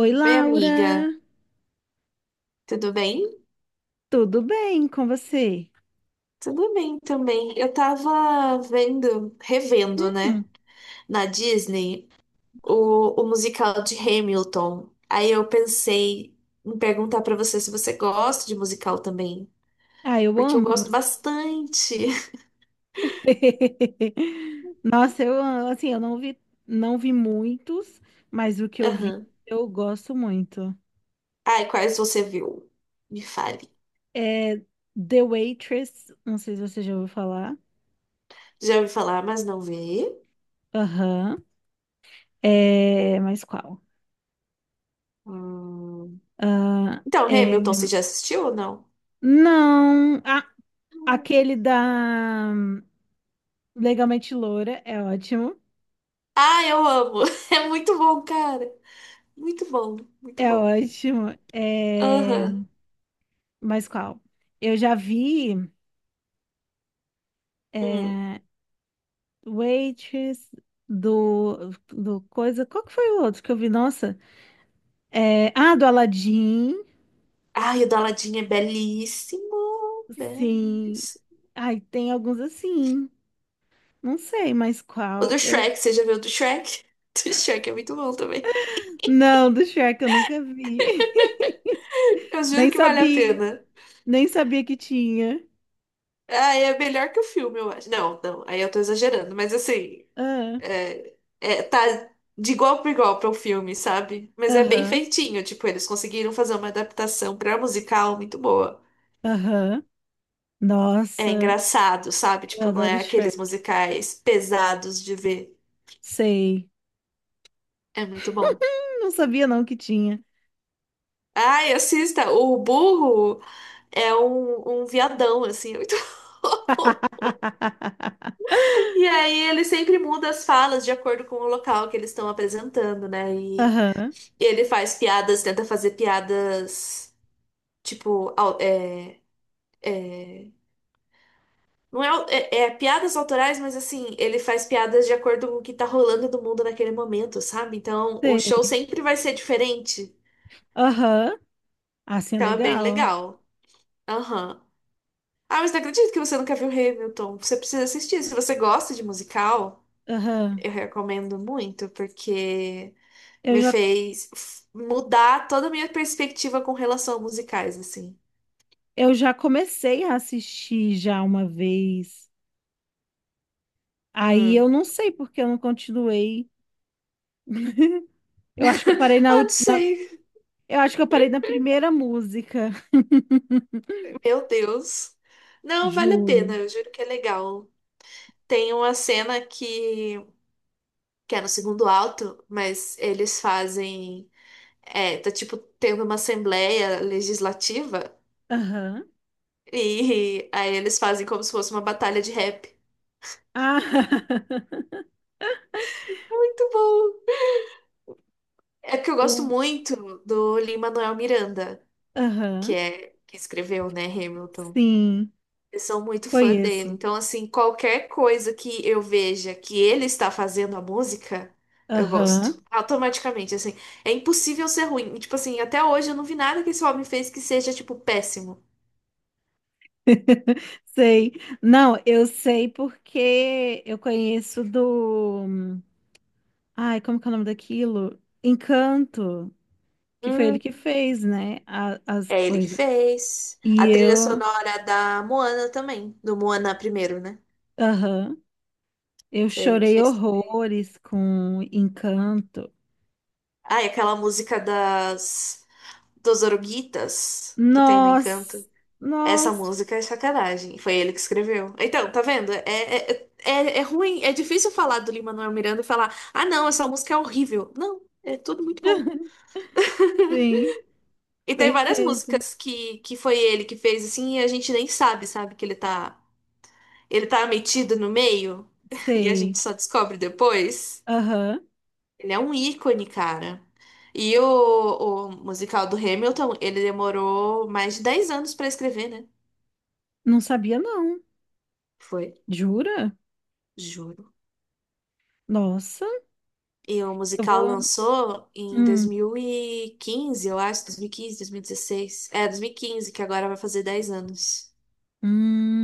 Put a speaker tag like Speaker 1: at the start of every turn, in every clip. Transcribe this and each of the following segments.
Speaker 1: Oi,
Speaker 2: Oi,
Speaker 1: Laura,
Speaker 2: amiga, tudo bem?
Speaker 1: tudo bem com você?
Speaker 2: Tudo bem também. Eu tava vendo, revendo,
Speaker 1: Hum,
Speaker 2: né, na Disney, o musical de Hamilton. Aí eu pensei em perguntar pra você se você gosta de musical também,
Speaker 1: ah, eu
Speaker 2: porque eu
Speaker 1: amo
Speaker 2: gosto
Speaker 1: música.
Speaker 2: bastante.
Speaker 1: Nossa, eu amo, assim, eu não vi, não vi muitos, mas o que eu vi,
Speaker 2: Aham.
Speaker 1: eu gosto muito.
Speaker 2: Ai, quais você viu? Me fale.
Speaker 1: É The Waitress, não sei se você já ouviu falar.
Speaker 2: Já ouvi falar, mas não vi.
Speaker 1: Aham. É, mas qual?
Speaker 2: Hum.
Speaker 1: Ah,
Speaker 2: Então, Hamilton, você
Speaker 1: é,
Speaker 2: já assistiu ou não?
Speaker 1: não, ah,
Speaker 2: Não.
Speaker 1: aquele da Legalmente Loura é ótimo.
Speaker 2: Ah, eu amo. É muito bom, cara. Muito bom, muito
Speaker 1: É
Speaker 2: bom.
Speaker 1: ótimo. É...
Speaker 2: Aham.
Speaker 1: Mas qual? Eu já vi
Speaker 2: Hum.
Speaker 1: é, Waitress do coisa. Qual que foi o outro que eu vi? Nossa. É, ah, do Aladdin.
Speaker 2: Ai, o do Aladdin é belíssimo.
Speaker 1: Sim.
Speaker 2: Belíssimo.
Speaker 1: Ai, tem alguns assim. Não sei mais
Speaker 2: O
Speaker 1: qual.
Speaker 2: do
Speaker 1: Eu
Speaker 2: Shrek, você já viu o do Shrek? O do Shrek é muito bom também.
Speaker 1: não, do Shrek eu nunca vi.
Speaker 2: Eu juro
Speaker 1: Nem
Speaker 2: que vale a
Speaker 1: sabia.
Speaker 2: pena.
Speaker 1: Nem sabia que tinha.
Speaker 2: Ah, é melhor que o filme, eu acho. Não, não, aí eu tô exagerando, mas assim,
Speaker 1: Ah,
Speaker 2: é, tá de igual para igual para o filme, sabe? Mas é bem
Speaker 1: aham.
Speaker 2: feitinho, tipo, eles conseguiram fazer uma adaptação pra musical muito boa.
Speaker 1: Aham.
Speaker 2: É
Speaker 1: Nossa,
Speaker 2: engraçado, sabe?
Speaker 1: eu
Speaker 2: Tipo, não
Speaker 1: adoro
Speaker 2: é aqueles
Speaker 1: Shrek.
Speaker 2: musicais pesados de ver.
Speaker 1: Sei.
Speaker 2: É muito bom.
Speaker 1: Não sabia não que tinha.
Speaker 2: Ai, assista, o burro é um viadão, assim, é muito. E aí ele sempre muda as falas de acordo com o local que eles estão apresentando, né? E
Speaker 1: Aham,
Speaker 2: ele faz piadas, tenta fazer piadas, tipo, não é, é piadas autorais, mas assim, ele faz piadas de acordo com o que tá rolando no mundo naquele momento, sabe? Então o show
Speaker 1: sei.
Speaker 2: sempre vai ser diferente.
Speaker 1: Aham, assim é
Speaker 2: Então é bem
Speaker 1: legal.
Speaker 2: legal. Aham. Ah, mas não acredito que você nunca viu Hamilton. Você precisa assistir. Se você gosta de musical.
Speaker 1: Aham.
Speaker 2: Eu recomendo muito, porque
Speaker 1: Eu
Speaker 2: me
Speaker 1: já,
Speaker 2: fez mudar toda a minha perspectiva com relação a musicais, assim.
Speaker 1: eu já comecei a assistir já uma vez. Aí
Speaker 2: Hum.
Speaker 1: eu não sei porque eu não continuei. Eu acho que eu parei na,
Speaker 2: Ah, não sei.
Speaker 1: eu acho que eu parei na primeira música.
Speaker 2: Meu Deus. Não, vale a
Speaker 1: Juro.
Speaker 2: pena, eu juro que é legal. Tem uma cena que é no segundo alto, mas eles fazem. É, tá tipo tendo uma assembleia legislativa,
Speaker 1: Aham.
Speaker 2: e aí eles fazem como se fosse uma batalha de rap.
Speaker 1: Ah,
Speaker 2: Muito bom! É porque eu gosto
Speaker 1: o-
Speaker 2: muito do Lin-Manuel Miranda. Que
Speaker 1: aham.
Speaker 2: é que escreveu, né, Hamilton.
Speaker 1: Sim,
Speaker 2: Eu sou muito fã dele.
Speaker 1: conheço.
Speaker 2: Então, assim, qualquer coisa que eu veja que ele está fazendo a música, eu gosto.
Speaker 1: Aham.
Speaker 2: Automaticamente, assim. É impossível ser ruim. E, tipo assim, até hoje eu não vi nada que esse homem fez que seja, tipo, péssimo.
Speaker 1: Sei. Não, eu sei porque eu conheço do. Ai, como que é o nome daquilo? Encanto, que foi ele
Speaker 2: Hum,
Speaker 1: que fez, né? As
Speaker 2: É ele que
Speaker 1: coisas.
Speaker 2: fez.
Speaker 1: E
Speaker 2: A trilha
Speaker 1: eu.
Speaker 2: sonora da Moana também. Do Moana primeiro, né?
Speaker 1: Aham. Eu
Speaker 2: Foi ele que
Speaker 1: chorei
Speaker 2: fez.
Speaker 1: horrores com Encanto.
Speaker 2: Ah, e aquela música das... dos Oruguitas que tem no Encanto.
Speaker 1: Nossa!
Speaker 2: Essa
Speaker 1: Nossa!
Speaker 2: música é sacanagem. Foi ele que escreveu. Então, tá vendo? É ruim, é difícil falar do Lin-Manuel Miranda e falar, ah, não, essa música é horrível. Não, é tudo muito bom.
Speaker 1: Sim,
Speaker 2: E tem várias
Speaker 1: perfeito.
Speaker 2: músicas que foi ele que fez, assim, e a gente nem sabe, sabe, que ele tá metido no meio e a
Speaker 1: Sei.
Speaker 2: gente só descobre depois.
Speaker 1: Aham.
Speaker 2: Ele é um ícone, cara. E o musical do Hamilton, ele demorou mais de 10 anos pra escrever, né?
Speaker 1: Não sabia, não.
Speaker 2: Foi,
Speaker 1: Jura?
Speaker 2: juro.
Speaker 1: Nossa,
Speaker 2: E o
Speaker 1: eu
Speaker 2: musical
Speaker 1: vou.
Speaker 2: lançou em dois
Speaker 1: Hum,
Speaker 2: mil e quinze eu acho, 2015, 2016. É, 2015 que agora vai fazer 10 anos.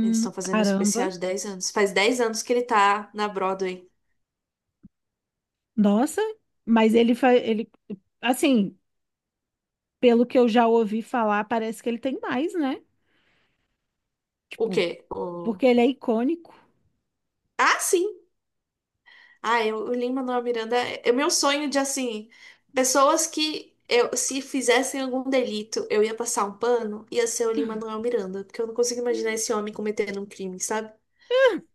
Speaker 2: Eles estão fazendo um
Speaker 1: caramba.
Speaker 2: especial de 10 anos. Faz 10 anos que ele tá na Broadway.
Speaker 1: Nossa, mas ele faz, ele, assim, pelo que eu já ouvi falar, parece que ele tem mais, né?
Speaker 2: O
Speaker 1: Tipo,
Speaker 2: quê? O...
Speaker 1: porque ele é icônico.
Speaker 2: Ah, sim! Ah, eu, o Lin Manuel Miranda é o meu sonho de, assim, pessoas que eu, se fizessem algum delito, eu ia passar um pano, ia ser o Lin Manuel Miranda. Porque eu não consigo imaginar esse homem cometendo um crime, sabe?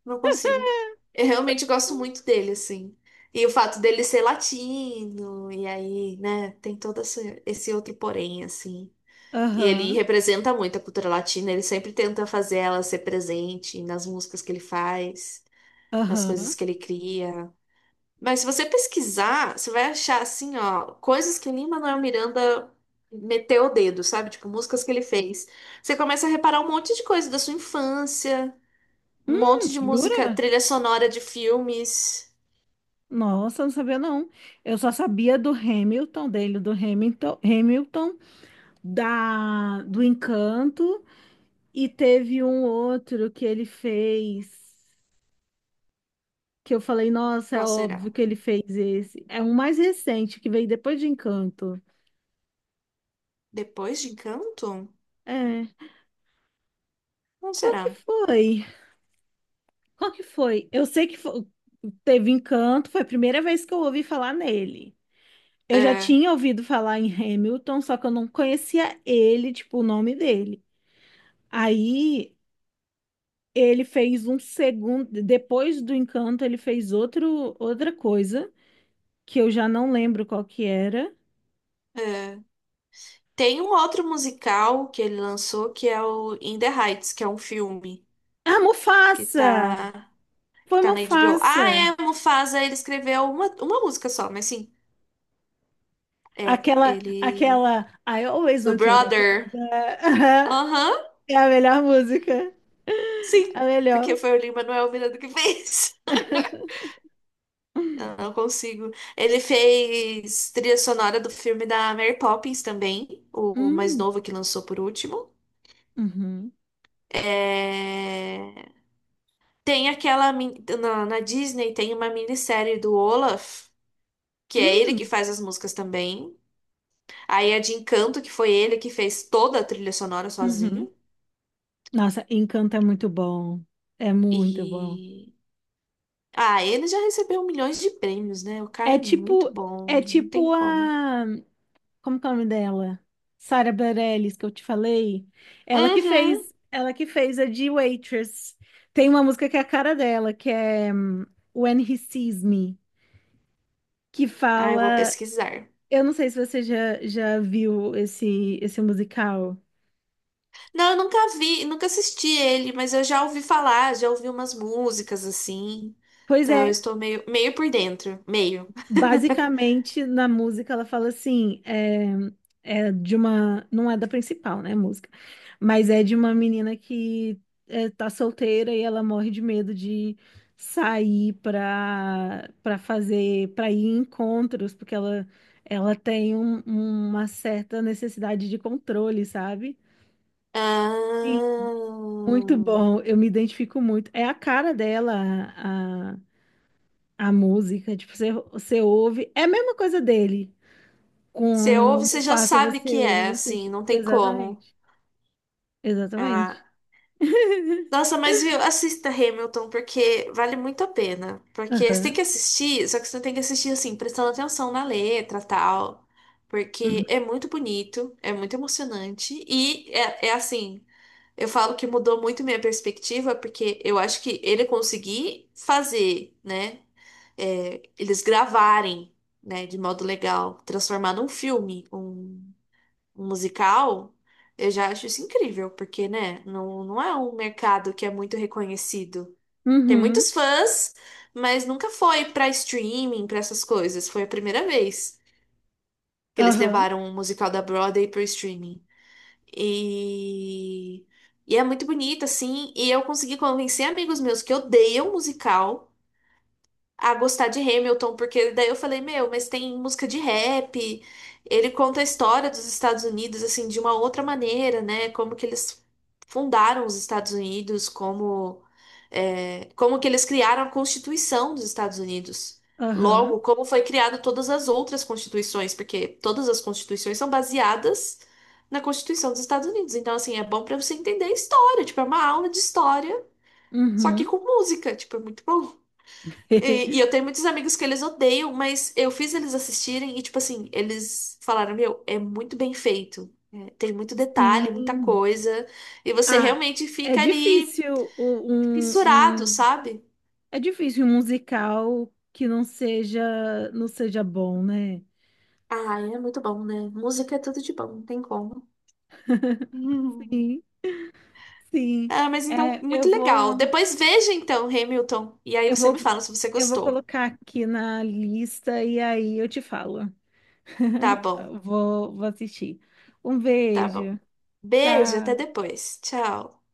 Speaker 2: Não consigo. Eu realmente gosto muito dele, assim. E o fato dele ser latino, e aí, né, tem todo esse outro porém, assim. E ele
Speaker 1: Aham,
Speaker 2: representa muito a cultura latina, ele sempre tenta fazer ela ser presente nas músicas que ele faz, nas
Speaker 1: aham.
Speaker 2: coisas que ele cria. Mas se você pesquisar, você vai achar, assim, ó, coisas que Lin-Manuel Miranda meteu o dedo, sabe? Tipo, músicas que ele fez. Você começa a reparar um monte de coisa da sua infância. Um monte de música,
Speaker 1: Jura?
Speaker 2: trilha sonora de filmes.
Speaker 1: Nossa, não sabia não. Eu só sabia do Hamilton dele, do Hamilton, Hamilton, da do Encanto e teve um outro que ele fez que eu falei, nossa, é
Speaker 2: Qual
Speaker 1: óbvio
Speaker 2: será?
Speaker 1: que ele fez esse. É um mais recente que veio depois de Encanto.
Speaker 2: Depois de Encanto?
Speaker 1: É.
Speaker 2: Não
Speaker 1: Qual que
Speaker 2: será?
Speaker 1: foi? Qual que foi? Eu sei que fo- teve Encanto, foi a primeira vez que eu ouvi falar nele. Eu já
Speaker 2: É,
Speaker 1: tinha ouvido falar em Hamilton, só que eu não conhecia ele, tipo, o nome dele. Aí ele fez um segundo, depois do Encanto, ele fez outro, outra coisa que eu já não lembro qual que era.
Speaker 2: é. Tem um outro musical que ele lançou que é o In the Heights, que é um filme
Speaker 1: Ah,
Speaker 2: que
Speaker 1: Mufasa!
Speaker 2: tá, que
Speaker 1: Foi
Speaker 2: tá na HBO. Ah,
Speaker 1: Mufasa.
Speaker 2: é, Mufasa, ele escreveu uma música só, mas sim,
Speaker 1: Aquela,
Speaker 2: ele.
Speaker 1: aquela I Always
Speaker 2: Do
Speaker 1: Wanted a
Speaker 2: Brother.
Speaker 1: Brother.
Speaker 2: Aham,
Speaker 1: É a melhor música.
Speaker 2: sim,
Speaker 1: A
Speaker 2: porque
Speaker 1: melhor.
Speaker 2: foi o Lin-Manuel Miranda que fez. Eu não consigo. Ele fez trilha sonora do filme da Mary Poppins também, o mais
Speaker 1: Hum,
Speaker 2: novo que lançou por último.
Speaker 1: uhum,
Speaker 2: É, tem aquela. Na, na Disney tem uma minissérie do Olaf, que é ele que
Speaker 1: hum,
Speaker 2: faz as músicas também. Aí a de Encanto, que foi ele que fez toda a trilha sonora
Speaker 1: uhum.
Speaker 2: sozinho.
Speaker 1: Nossa, Encanto é muito bom. É muito bom.
Speaker 2: E. Ah, ele já recebeu milhões de prêmios, né? O cara
Speaker 1: É
Speaker 2: é muito
Speaker 1: tipo,
Speaker 2: bom,
Speaker 1: é
Speaker 2: não tem
Speaker 1: tipo
Speaker 2: como.
Speaker 1: a, como que é o nome dela? Sarah Bareilles, que eu te falei.
Speaker 2: Uhum.
Speaker 1: Ela que fez a de Waitress. Tem uma música que é a cara dela, que é When He Sees Me, que
Speaker 2: Ah, eu vou
Speaker 1: fala,
Speaker 2: pesquisar.
Speaker 1: eu não sei se você já, já viu esse musical.
Speaker 2: Não, eu nunca vi, nunca assisti ele, mas eu já ouvi falar, já ouvi umas músicas assim.
Speaker 1: Pois
Speaker 2: Então eu
Speaker 1: é,
Speaker 2: estou meio, meio por dentro, meio.
Speaker 1: basicamente, na música, ela fala assim: é, é de uma. Não é da principal, né? Música. Mas é de uma menina que é, tá solteira e ela morre de medo de sair pra, pra fazer. Pra ir em encontros, porque ela tem uma certa necessidade de controle, sabe? Sim.
Speaker 2: Ah,
Speaker 1: Muito bom, eu me identifico muito. É a cara dela, a, a, a música. Tipo, você, você ouve. É a mesma coisa dele.
Speaker 2: você ouve,
Speaker 1: Como
Speaker 2: você já
Speaker 1: faça
Speaker 2: sabe
Speaker 1: você
Speaker 2: que
Speaker 1: ouve
Speaker 2: é,
Speaker 1: você.
Speaker 2: assim, não tem como.
Speaker 1: Exatamente.
Speaker 2: Ah.
Speaker 1: Exatamente.
Speaker 2: Nossa, mas viu, assista Hamilton, porque vale muito a pena. Porque você tem
Speaker 1: Aham.
Speaker 2: que assistir, só que você tem que assistir assim, prestando atenção na letra e tal. Porque
Speaker 1: Uhum.
Speaker 2: é muito bonito, é muito emocionante e é assim. Eu falo que mudou muito minha perspectiva, porque eu acho que ele conseguir fazer, né? É, eles gravarem, né, de modo legal, transformar num filme, um musical, eu já acho isso incrível, porque, né, não, não é um mercado que é muito reconhecido. Tem muitos
Speaker 1: Uhum.
Speaker 2: fãs, mas nunca foi pra streaming, pra essas coisas. Foi a primeira vez que eles
Speaker 1: Aham.
Speaker 2: levaram um musical da Broadway pro streaming. E, e é muito bonito, assim. E eu consegui convencer amigos meus que odeiam musical a gostar de Hamilton, porque daí eu falei, meu, mas tem música de rap, ele conta a história dos Estados Unidos, assim, de uma outra maneira, né? Como que eles fundaram os Estados Unidos, como, é, como que eles criaram a Constituição dos Estados Unidos.
Speaker 1: Aham.
Speaker 2: Logo, como foi criado todas as outras constituições, porque todas as constituições são baseadas na Constituição dos Estados Unidos. Então, assim, é bom pra você entender a história, tipo, é uma aula de história, só que
Speaker 1: Uhum.
Speaker 2: com música, tipo, é muito bom. E eu tenho muitos amigos que eles odeiam, mas eu fiz eles assistirem e, tipo assim, eles falaram: Meu, é muito bem feito. É, tem muito detalhe, muita
Speaker 1: Sim.
Speaker 2: coisa. E você
Speaker 1: Ah,
Speaker 2: realmente
Speaker 1: é
Speaker 2: fica ali
Speaker 1: difícil
Speaker 2: fissurado, sabe?
Speaker 1: é difícil um musical que não seja não seja bom, né?
Speaker 2: Ah, é muito bom, né? Música é tudo de bom, não tem como.
Speaker 1: Sim, sim.
Speaker 2: Ah, mas então,
Speaker 1: É, eu
Speaker 2: muito
Speaker 1: vou
Speaker 2: legal. Depois veja então, Hamilton. E aí
Speaker 1: eu
Speaker 2: você
Speaker 1: vou
Speaker 2: me fala se você
Speaker 1: eu vou
Speaker 2: gostou.
Speaker 1: colocar aqui na lista e aí eu te falo.
Speaker 2: Tá bom,
Speaker 1: Vou assistir. Um
Speaker 2: tá bom.
Speaker 1: beijo.
Speaker 2: Beijo, até
Speaker 1: Tchau.
Speaker 2: depois. Tchau.